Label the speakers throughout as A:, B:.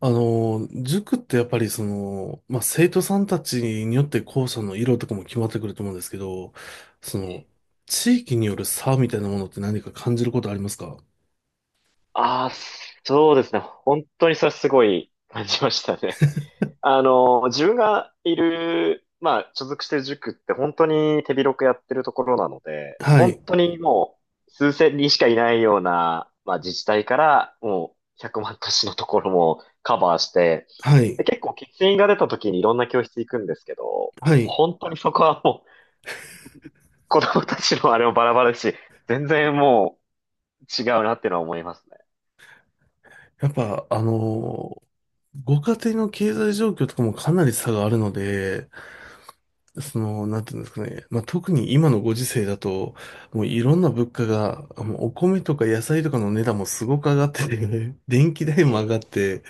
A: 塾ってやっぱり生徒さんたちによって校舎の色とかも決まってくると思うんですけど、そ
B: え
A: の、
B: え。
A: 地域による差みたいなものって何か感じることありますか？
B: ああ、そうですね。本当にそれすごい感じましたね。自分がいる、まあ、所属してる塾って本当に手広くやってるところなので、
A: は
B: 本
A: い、
B: 当にもう数千人しかいないような、まあ、自治体からもう100万都市のところもカバーして、
A: はい、
B: で、結構欠員が出た時にいろんな教室行くんですけど、
A: はい。
B: 本当にそこはもう子供たちのあれもバラバラだし、全然もう違うなっていうのは思いますね。
A: やっぱ、ご家庭の経済状況とかもかなり差があるので、その、なんていうんですかね、まあ、特に今のご時世だと、もういろんな物価が、もうお米とか野菜とかの値段もすごく上がってて、電気代も上
B: え
A: がって、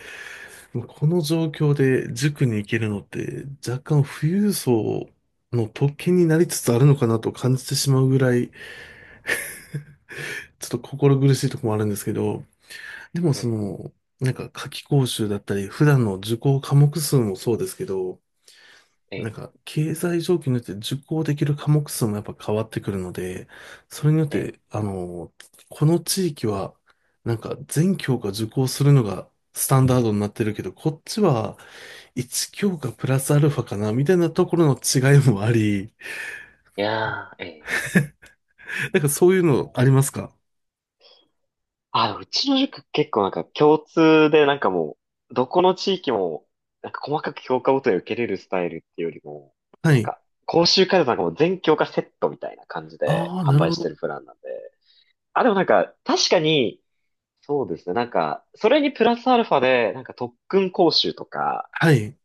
A: この状況で塾に行けるのって若干富裕層の特権になりつつあるのかなと感じてしまうぐらいちょっと心苦しいところもあるんですけど、でもそ
B: ええ
A: の、なんか夏期講習だったり普段の受講科目数もそうですけど、
B: え
A: なん
B: え、
A: か、経済状況によって受講できる科目数もやっぱ変わってくるので、それによっ
B: ええ。
A: て、この地域は、なんか全教科受講するのがスタンダードになってるけど、こっちは1教科プラスアルファかな、みたいなところの違いもあり、
B: いやー、ええ。
A: なんかそういうのありますか？
B: あ、うちの塾結構なんか共通でなんかもう、どこの地域も、なんか細かく教科ごとに受けれるスタイルっていうよりも、
A: は
B: なん
A: い。
B: か、講習会だとなんかもう全教科セットみたいな感じで
A: ああ、
B: 販
A: なる
B: 売
A: ほ
B: して
A: ど。
B: るプランなんで。あ、でもなんか、確かに、そうですね。なんか、それにプラスアルファで、なんか特訓講習とか、
A: はい。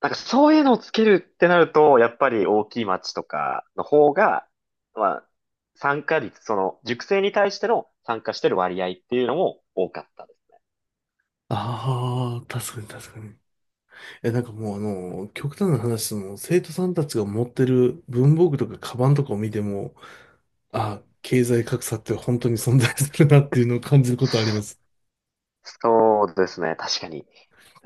B: なんかそういうのをつけるってなると、やっぱり大きい町とかの方が、まあ、参加率、その、塾生に対しての参加してる割合っていうのも多かったです
A: ああ、確かに、確かに。え、なんかもう極端な話、その生徒さんたちが持ってる文房具とかカバンとかを見ても、
B: ね。
A: あ、経済格差って本当に存在するなっていうのを感じることあります。
B: そうですね、確かに。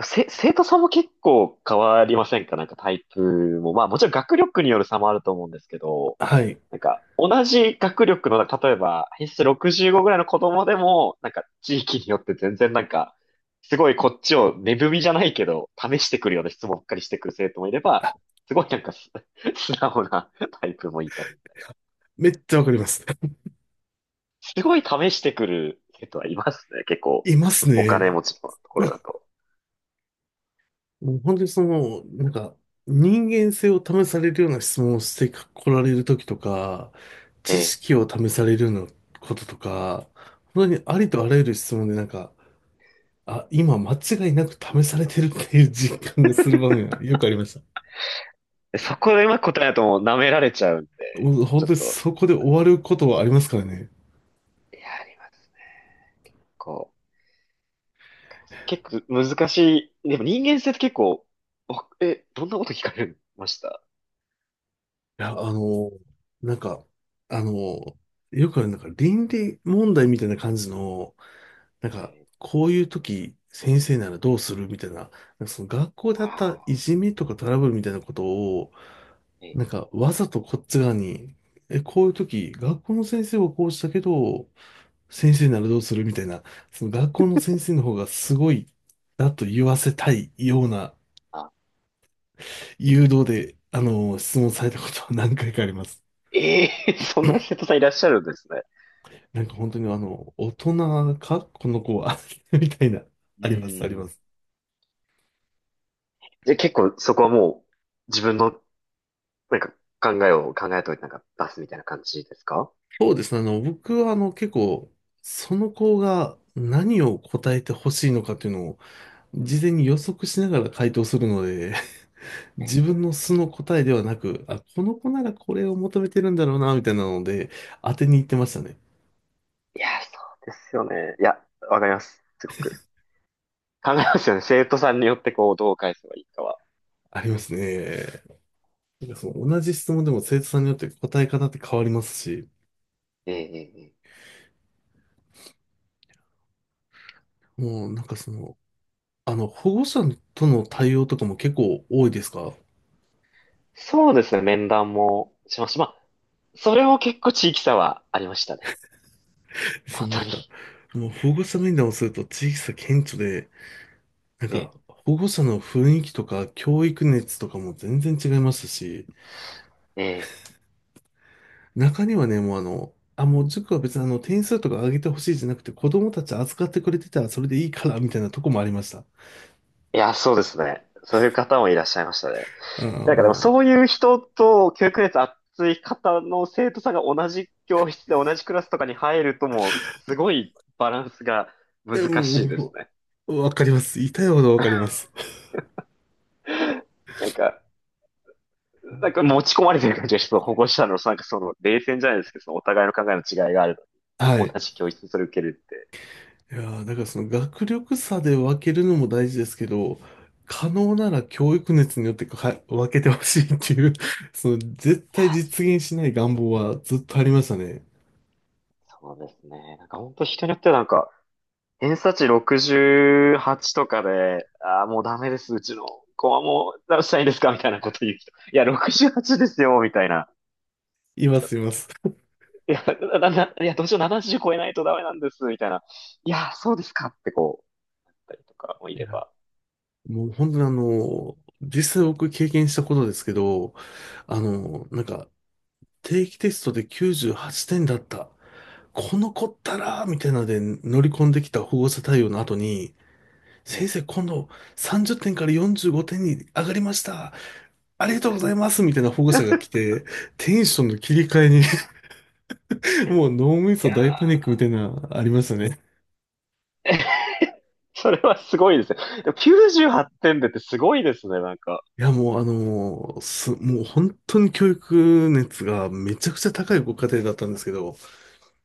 B: 生徒さんも結構変わりませんか？なんかタイプも。まあもちろん学力による差もあると思うんですけど、
A: はい。
B: なんか、同じ学力の、例えば、偏差値65ぐらいの子供でも、なんか、地域によって全然なんか、すごいこっちを値踏みじゃないけど、試してくるような質問ばっかりしてくる生徒もいれば、すごいなんか素直なタイプもいたりみたいな。
A: めっちゃわかります。
B: すごい試してくる生徒はいますね、結 構。
A: います
B: お金
A: ね。
B: 持ちのところだと。
A: もう本当にその、なんか、人間性を試されるような質問をしてこられるときとか、
B: え
A: 知
B: え。
A: 識を試されるようなこととか、本当にありとあらゆる質問でなんか、あ、今間違いなく試されてるっていう実感がする場面がよくありました。
B: でそこでうまく答えだともう舐められちゃうんで、
A: もう本
B: ちょ
A: 当
B: っ
A: に
B: と、
A: そこで終わることはありますからね。
B: いや、ありますね。こう。結構難しい。でも人間性って結構、おえ、どんなこと聞かれました？
A: いや、なんか、あの、よくある、なんか倫理問題みたいな感じの、なん
B: え
A: か、
B: ー、
A: こういう時、先生ならどうするみたいな、なんかその学校であったい
B: あ
A: じめとかトラブルみたいなことを、
B: ー、え
A: なん
B: ー、
A: か、わざとこっち側に、え、こういう時、学校の先生はこうしたけど、先生ならどうするみたいな、その学校の先生の方がすごい、だと言わせたいような
B: あ、
A: 誘導で、質問されたことは何回かあります。
B: えー そんな生徒さんいらっしゃるんですね。
A: なんか本当に大人かこの子は みたいな、
B: う
A: あります、ありま
B: ん。
A: す。
B: で、結構そこはもう自分のなんか考えを考えといてなんか出すみたいな感じですか？
A: そうですね。僕は結構、その子が何を答えてほしいのかっていうのを、事前に予測しながら回答するので、
B: ええ。
A: 自分の素の答えではなく、あ、この子ならこれを求めてるんだろうな、みたいなので、当てに行ってましたね。
B: いや、そうですよね。いや、わかります。すごく。考えますよね。生徒さんによってこう、どう返せばいいかは。
A: ありますね。なんかその同じ質問でも生徒さんによって答え方って変わりますし、
B: ええええええ、
A: もうなんかその、保護者との対応とかも結構多いですか？
B: そうですね。面談もしました。まあ、それも結構地域差はありましたね。
A: そ
B: 本
A: うな
B: 当
A: ん
B: に。
A: か、もう保護者面談をすると地域差顕著で、なん
B: ええ、
A: か、保護者の雰囲気とか教育熱とかも全然違いますし、
B: ええ。
A: 中にはね、もうあ、もう塾は別にあの点数とか上げてほしいじゃなくて、子供たち扱ってくれてたらそれでいいから、みたいなとこもありました。
B: いや、そうですね。そういう方もいらっしゃいましたね。
A: ああ、
B: なんかでも
A: も
B: そういう人と教育熱熱い方の生徒さんが同じ教室で同じクラスとかに入るともう、すごいバランスが
A: う、え、
B: 難しいです
A: も
B: ね。
A: う、わかります。痛いほどわかります。
B: なんか、なんか持ち込まれてる感じがして、その保護者のなんかその冷戦じゃないですけど、そのお互いの考えの違いがある
A: は
B: のに。
A: い。
B: 同じ教室にそれ受けるって。
A: いやーだからその学力差で分けるのも大事ですけど、可能なら教育熱によってか分けてほしいっていう その絶対実現しない願望はずっとありましたね。
B: そうですね。なんか本当人によってはなんか、偏差値68とかで、ああ、もうダメです、うちの子はもう、どうしたらいいんですかみたいなこと言う人。いや、68ですよ、みたいな。
A: いま
B: なんか、
A: す、います。
B: いや、いや、どうしよう、70超えないとダメなんです、みたいな。いや、そうですかってこう、言ったりとかもい
A: い
B: れ
A: や、
B: ば。
A: もう本当に実際僕経験したことですけど、あの、なんか定期テストで98点だった。この子ったらみたいなので乗り込んできた保護者対応の後に、
B: え
A: 先
B: え。
A: 生今度30点から45点に上がりましたありがとうございますみたいな保護者が来て、テンションの切り替えに もう脳み
B: い
A: そ
B: や
A: 大パニックみたいな、ありましたね。
B: ー、それはすごいですね。でも98点でってすごいですね、なんか。
A: いや、もうあのす、もう本当に教育熱がめちゃくちゃ高いご家庭だったんですけど、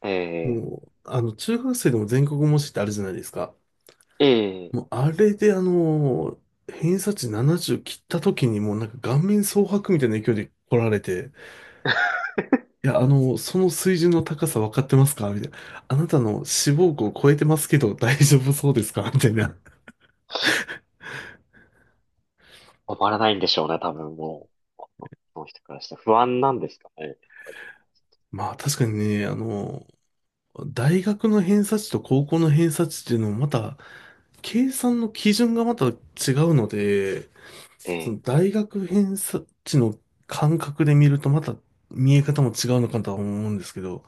B: え
A: もう、中学生でも全国模試ってあるじゃないですか。
B: え、え
A: もう、
B: え。
A: あれで偏差値70切った時にもうなんか顔面蒼白みたいな勢いで来られて、いや、その水準の高さ分かってますかみたいな。あなたの志望校を超えてますけど大丈夫そうですかみたいな。
B: 止まらないんでしょうね、多分もう。この人からしたら不安なんですかね、やっぱり。
A: まあ確かにね、大学の偏差値と高校の偏差値っていうのもまた、計算の基準がまた違うので、
B: え
A: そ
B: え。
A: の大学偏差値の感覚で見るとまた見え方も違うのかとは思うんですけど、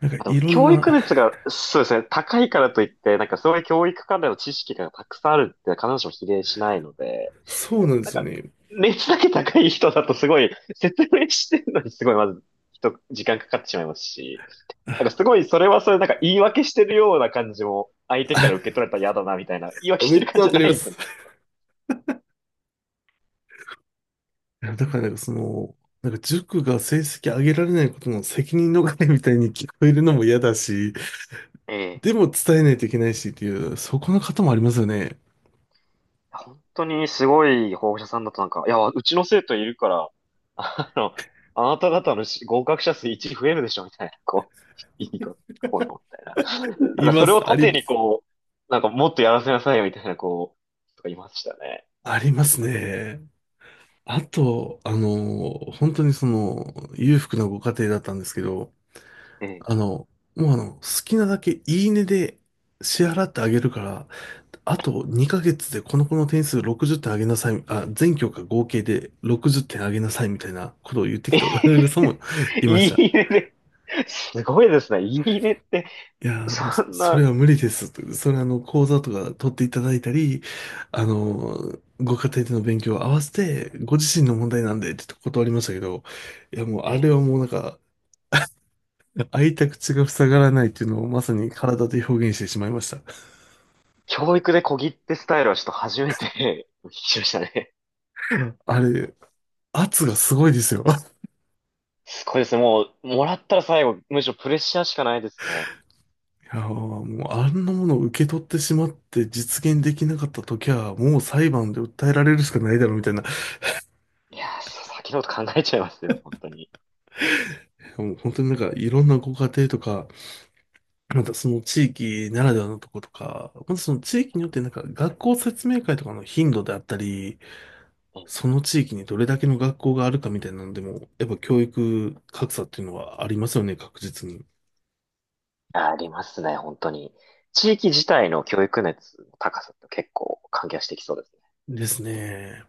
A: なんか
B: あと
A: いろん
B: 教
A: な、
B: 育熱が、そうですね、高いからといって、なんかそういう教育関連の知識がたくさんあるって必ずしも比例しないので、
A: そうなんで
B: なん
A: すよ
B: か、
A: ね。
B: 熱だけ高い人だとすごい、説明してるのにすごいまず、人、時間かかってしまいますし、なんかすごい、それはそれ、なんか言い訳してるような感じも、相手から受け 取られたら嫌だな、みたいな、言い訳
A: あ、
B: し
A: め
B: て
A: っ
B: る
A: ち
B: 感
A: ゃ
B: じじ
A: わ
B: ゃ
A: か
B: な
A: りま
B: いのに、
A: す。いやだからなんかその、なんか塾が成績上げられないことの責任逃れみたいに聞こえるのも嫌だし、
B: え
A: で
B: え。
A: も伝えないといけないしっていう、そこの方もありますよね。
B: 本当にすごい保護者さんだとなんか、いや、うちの生徒いるから、あの、あなた方の合格者数1増えるでしょみたいな、こう、いいとこの、みたいな。なん
A: い
B: かそ
A: ま
B: れを
A: す、あり
B: 盾
A: ま
B: に
A: す。
B: こう、なんかもっとやらせなさいよみたいな、こう、とかいましたね。
A: ありますね。あと、本当にその、裕福なご家庭だったんですけど、あ
B: え
A: の、もうあの、好きなだけいいねで支払ってあげるから、あと2ヶ月でこの子の点数60点上げなさい、あ、全教科合計で60点上げなさいみたいなことを言ってき
B: え。
A: た親御さんも いまし
B: い
A: た。
B: いねで、すごいですね。いいねって、
A: いやー、もうそ、
B: そん
A: それ
B: な、
A: は無理ですと。それは講座とか取っていただいたり、ご家庭での勉強を合わせて、ご自身の問題なんで、って断りましたけど、いや、もうあれ
B: ね、
A: はもうなんか、開いた口が塞がらないっていうのをまさに体で表現してしまいました。
B: 教育で小切手スタイルはちょっと初めて 聞きましたね。
A: あれ、圧がすごいですよ。
B: すごいですね。もう、もらったら最後、むしろプレッシャーしかないですね。
A: いやー、もうあんなものを受け取ってしまって実現できなかった時は、もう裁判で訴えられるしかないだろうみたいな。
B: いやー、そう先のこと考えちゃいますよ、本当に。
A: もう本当になんかいろんなご家庭とか、またその地域ならではのとことか、またその地域によってなんか学校説明会とかの頻度であったり、
B: うん。
A: その地域にどれだけの学校があるかみたいなのでも、やっぱ教育格差っていうのはありますよね、確実に。
B: ありますね、本当に。地域自体の教育熱の高さって結構関係してきそうです。
A: ですね。